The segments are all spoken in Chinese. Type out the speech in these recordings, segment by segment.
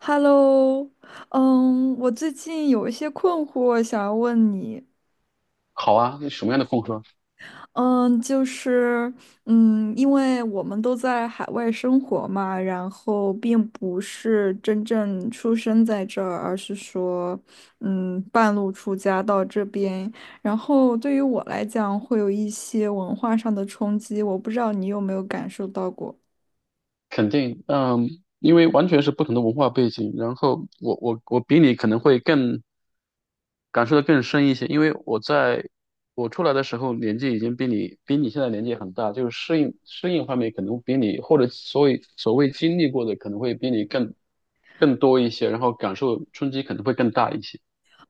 Hello，我最近有一些困惑想要问你，好啊，那什么样的风格？嗯，就是，因为我们都在海外生活嘛，然后并不是真正出生在这儿，而是说，半路出家到这边，然后对于我来讲会有一些文化上的冲击，我不知道你有没有感受到过。肯定，因为完全是不同的文化背景，然后我比你可能会更感受的更深一些，因为我出来的时候年纪已经比你现在年纪很大，就是适应方面可能比你或者所谓经历过的可能会比你更多一些，然后感受冲击可能会更大一些。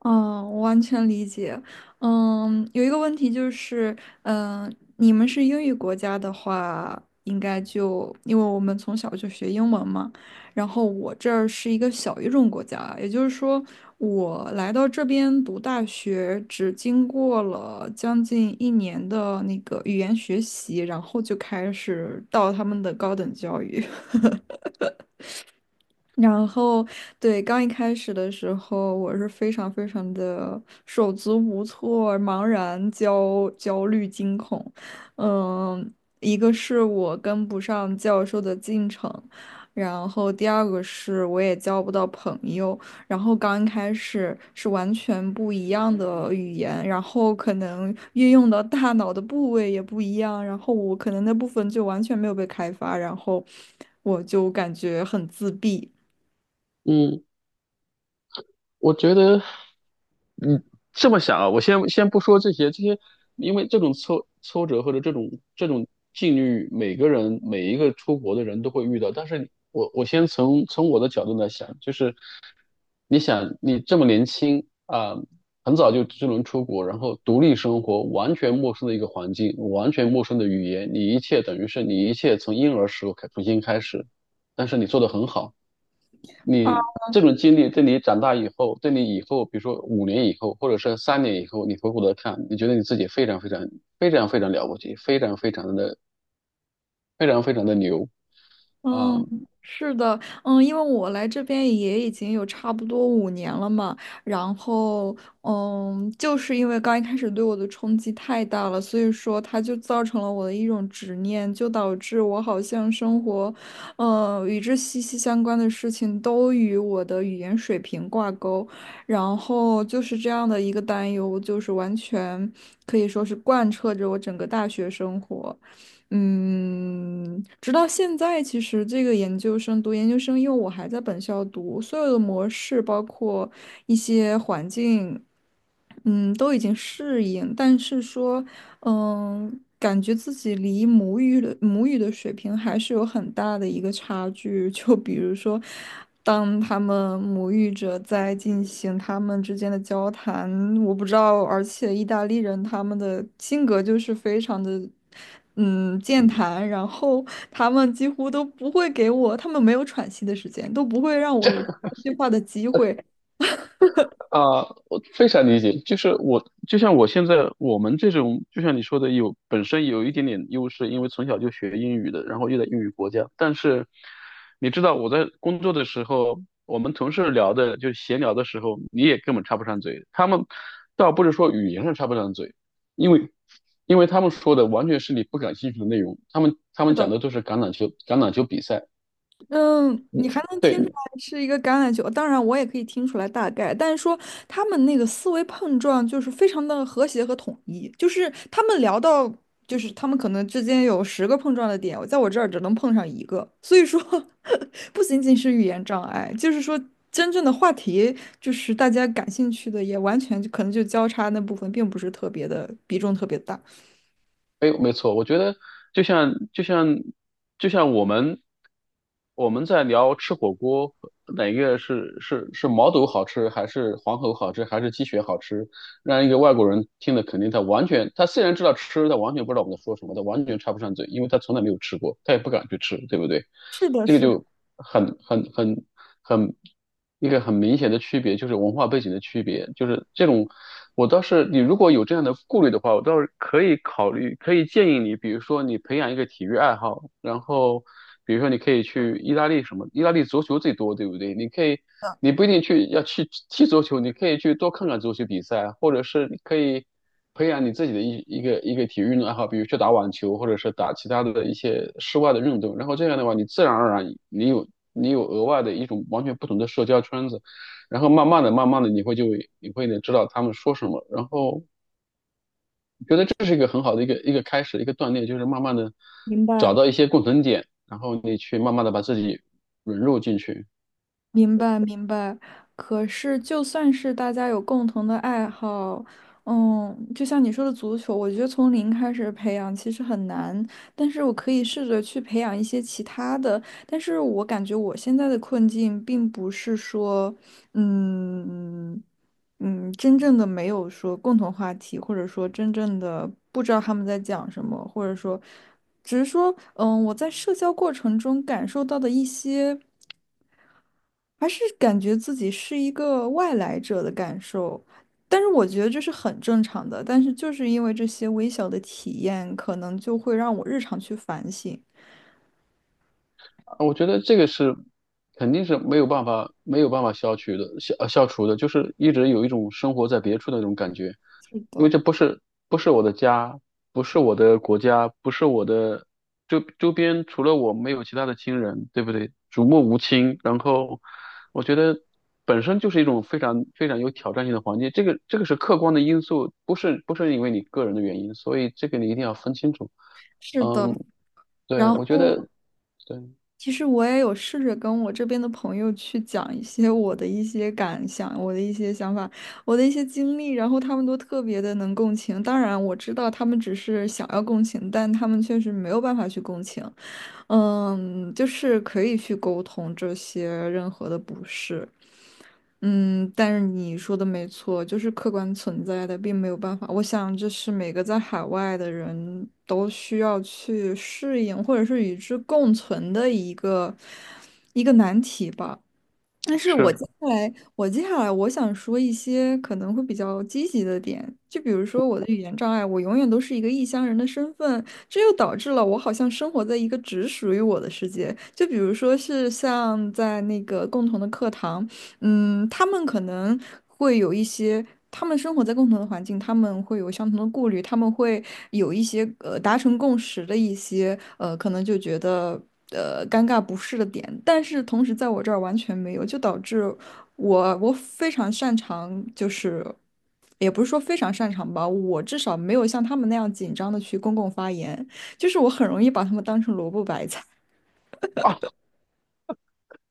嗯，我完全理解。有一个问题就是，你们是英语国家的话，应该就因为我们从小就学英文嘛。然后我这儿是一个小语种国家，也就是说，我来到这边读大学，只经过了将近一年的那个语言学习，然后就开始到他们的高等教育。然后，对，刚一开始的时候，我是非常非常的手足无措、茫然、焦虑、惊恐。嗯，一个是我跟不上教授的进程，然后第二个是我也交不到朋友。然后刚开始是完全不一样的语言，然后可能运用到大脑的部位也不一样，然后我可能那部分就完全没有被开发，然后我就感觉很自闭。嗯，我觉得，你这么想啊，我先不说这些，因为这种挫折或者这种境遇，每个人每一个出国的人都会遇到。但是我先从我的角度来想，就是你想你这么年轻啊、很早就能出国，然后独立生活，完全陌生的一个环境，完全陌生的语言，你一切等于是你一切从婴儿时候重新开始，但是你做得很好。啊，你这种经历对你长大以后，对你以后，比如说五年以后，或者是三年以后，你回过头看，你觉得你自己非常非常非常非常了不起，非常非常的牛啊！嗯，嗯是的，因为我来这边也已经有差不多5年了嘛，然后，就是因为刚一开始对我的冲击太大了，所以说它就造成了我的一种执念，就导致我好像生活，与之息息相关的事情都与我的语言水平挂钩，然后就是这样的一个担忧，就是完全可以说是贯彻着我整个大学生活。直到现在，其实这个研究生读研究生，因为我还在本校读，所有的模式，包括一些环境，都已经适应，但是说，感觉自己离母语的水平还是有很大的一个差距。就比如说，当他们母语者在进行他们之间的交谈，我不知道，而且意大利人他们的性格就是非常的，健谈，然后他们几乎都不会给我，他们没有喘息的时间，都不会让我有插一句话的机会。啊，我非常理解，就是就像我现在我们这种，就像你说的有本身有一点点优势，因为从小就学英语的，然后又在英语国家。但是你知道我在工作的时候，我们同事聊的就闲聊的时候，你也根本插不上嘴。他们倒不是说语言上插不上嘴，因为他们说的完全是你不感兴趣的内容，他们他是们的。讲的都是橄榄球比赛。嗯，你嗯还能对，听出来是一个橄榄球，当然我也可以听出来大概，但是说他们那个思维碰撞就是非常的和谐和统一，就是他们聊到，就是他们可能之间有10个碰撞的点，我在我这儿只能碰上一个，所以说 不仅仅是语言障碍，就是说真正的话题，就是大家感兴趣的，也完全就可能就交叉那部分并不是特别的比重特别大。没错，我觉得就像就像就像我们在聊吃火锅，哪个是毛肚好吃，还是黄喉好吃，还是鸡血好吃？让一个外国人听了，肯定他完全，他虽然知道吃，他完全不知道我们在说什么，他完全插不上嘴，因为他从来没有吃过，他也不敢去吃，对不对？是的，这个是的，就很很很很一个很明显的区别，就是文化背景的区别，就是这种。我倒是，你如果有这样的顾虑的话，我倒是可以考虑，可以建议你，比如说你培养一个体育爱好，然后比如说你可以去意大利什么，意大利足球最多，对不对？你可以你不一定去要去踢足球，你可以去多看看足球比赛啊，或者是你可以培养你自己的一个体育运动爱好，比如去打网球，或者是打其他的一些室外的运动。然后这样的话，你自然而然你有你有额外的一种完全不同的社交圈子，然后慢慢的、慢慢的，你会呢知道他们说什么，然后我觉得这是一个很好的一个开始，一个锻炼，就是慢慢的明找白。到一些共同点，然后你去慢慢的把自己融入进去。明白明白，可是就算是大家有共同的爱好，就像你说的足球，我觉得从零开始培养其实很难，但是我可以试着去培养一些其他的。但是我感觉我现在的困境并不是说，嗯真正的没有说共同话题，或者说真正的不知道他们在讲什么，或者说，只是说，我在社交过程中感受到的一些。还是感觉自己是一个外来者的感受，但是我觉得这是很正常的。但是就是因为这些微小的体验，可能就会让我日常去反省。我觉得这个是肯定是没有办法消除的，就是一直有一种生活在别处的那种感觉，是因为的，这不是我的家，不是我的国家，不是我的周边，除了我没有其他的亲人，对不对？举目无亲，然后我觉得本身就是一种非常非常有挑战性的环境，这个是客观的因素，不是因为你个人的原因，所以这个你一定要分清楚。是的。嗯，对，然我觉后得对其实我也有试着跟我这边的朋友去讲一些我的一些感想、我的一些想法、我的一些经历，然后他们都特别的能共情。当然，我知道他们只是想要共情，但他们确实没有办法去共情。就是可以去沟通这些任何的不适。但是你说的没错，就是客观存在的，并没有办法。我想这是每个在海外的人都需要去适应，或者是与之共存的一个难题吧。但是是。我接下来我想说一些可能会比较积极的点，就比如说我的语言障碍，我永远都是一个异乡人的身份，这又导致了我好像生活在一个只属于我的世界。就比如说是像在那个共同的课堂，他们可能会有一些，他们生活在共同的环境，他们会有相同的顾虑，他们会有一些达成共识的一些可能就觉得尴尬不适的点，但是同时在我这儿完全没有，就导致我非常擅长，就是也不是说非常擅长吧，我至少没有像他们那样紧张的去公共发言，就是我很容易把他们当成萝卜白菜。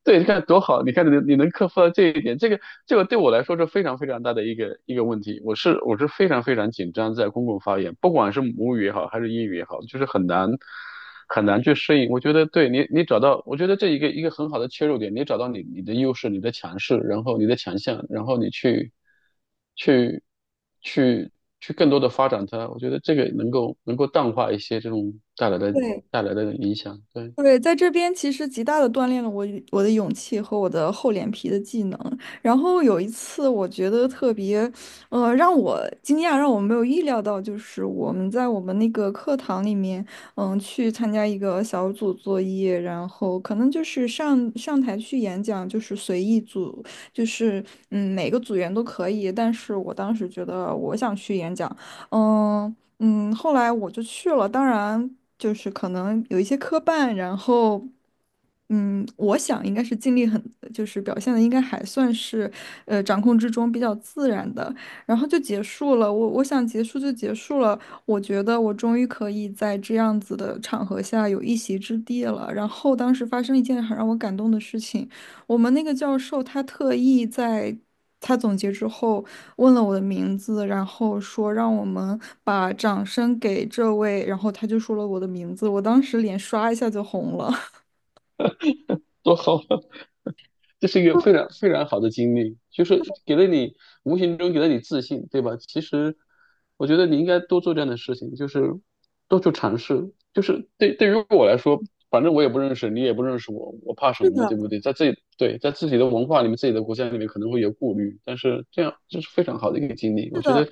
对，你看多好，你看你能克服到这一点，这个对我来说是非常非常大的一个问题。我是非常非常紧张，在公共发言，不管是母语也好，还是英语也好，就是很难很难去适应。我觉得对你找到，我觉得这一个很好的切入点，你找到你的优势、你的强势，然后你的强项，然后你去去去更多的发展它。我觉得这个能够淡化一些这种带来 的对，影响，对，对，在这边其实极大的锻炼了我与我的勇气和我的厚脸皮的技能。然后有一次，我觉得特别，让我惊讶，让我没有意料到，就是我们在我们那个课堂里面，去参加一个小组作业，然后可能就是上台去演讲，就是随意组，就是每个组员都可以。但是我当时觉得我想去演讲，嗯。后来我就去了，当然就是可能有一些磕绊，然后，我想应该是尽力很，就是表现的应该还算是，掌控之中比较自然的，然后就结束了。我想结束就结束了，我觉得我终于可以在这样子的场合下有一席之地了。然后当时发生一件很让我感动的事情，我们那个教授他特意在。他总结之后，问了我的名字，然后说让我们把掌声给这位，然后他就说了我的名字，我当时脸刷一下就红了。多好啊。这是一个非 常非常好的经历，就是给了你无形中给了你自信，对吧？其实我觉得你应该多做这样的事情，就是多去尝试。就是对于我来说，反正我也不认识你，也不认识我，我怕什是么呢？的，对不对？在自己的文化里面、自己的国家里面可能会有顾虑，但是这样这是非常好的一个经历，是我觉的。得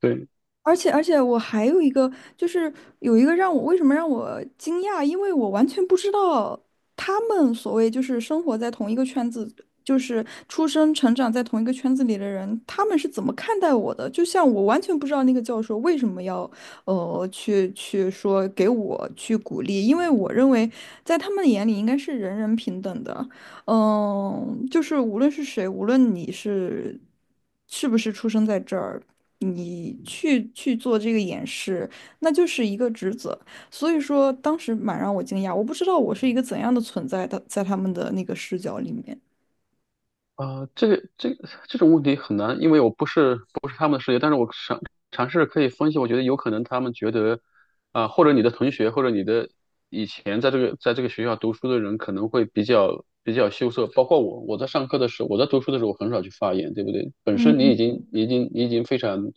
对而且我还有一个，就是有一个让我为什么让我惊讶，因为我完全不知道他们所谓就是生活在同一个圈子，就是出生成长在同一个圈子里的人，他们是怎么看待我的？就像我完全不知道那个教授为什么要去说给我去鼓励，因为我认为在他们眼里应该是人人平等的。就是无论是谁，无论你是不是出生在这儿，你去做这个演示，那就是一个职责。所以说，当时蛮让我惊讶，我不知道我是一个怎样的存在的，在他们的那个视角里面。啊、这种问题很难，因为我不是他们的世界，但是我尝试可以分析，我觉得有可能他们觉得。啊，或者你的同学，或者你的以前在这个学校读书的人，可能会比较羞涩。包括我，我在上课的时候，我在读书的时候，我很少去发言，对不对？本身你已嗯，经你已经你已经非常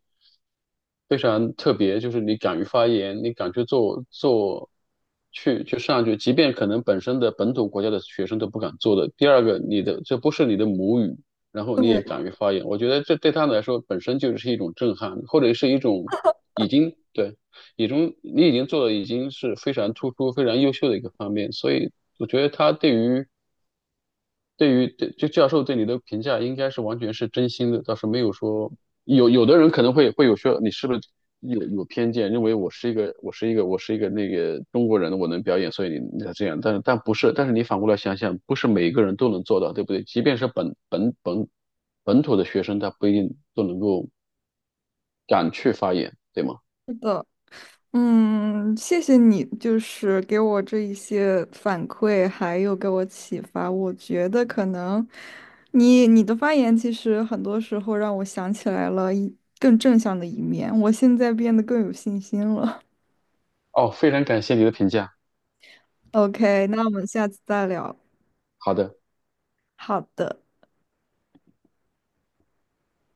非常特别，就是你敢于发言，你敢去做做去去上去，即便可能本身的本土国家的学生都不敢做的。第二个，你的这不是你的母语，然后你也对，敢于发言，我觉得这对他们来说本身就是一种震撼，或者是一种已经对。你中你已经做的已经是非常突出、非常优秀的一个方面，所以我觉得他对于对于对就教授对你的评价应该是完全是真心的，倒是没有说有的人可能会有说你是不是有偏见，认为我是一个那个中国人，我能表演，所以你才这样，但不是，但是你反过来想想，不是每一个人都能做到，对不对？即便是本土的学生，他不一定都能够敢去发言，对吗？是的。谢谢你，就是给我这一些反馈，还有给我启发。我觉得可能你的发言其实很多时候让我想起来了一更正向的一面，我现在变得更有信心了。哦，非常感谢你的评价，OK，那我们下次再聊。好的。好的。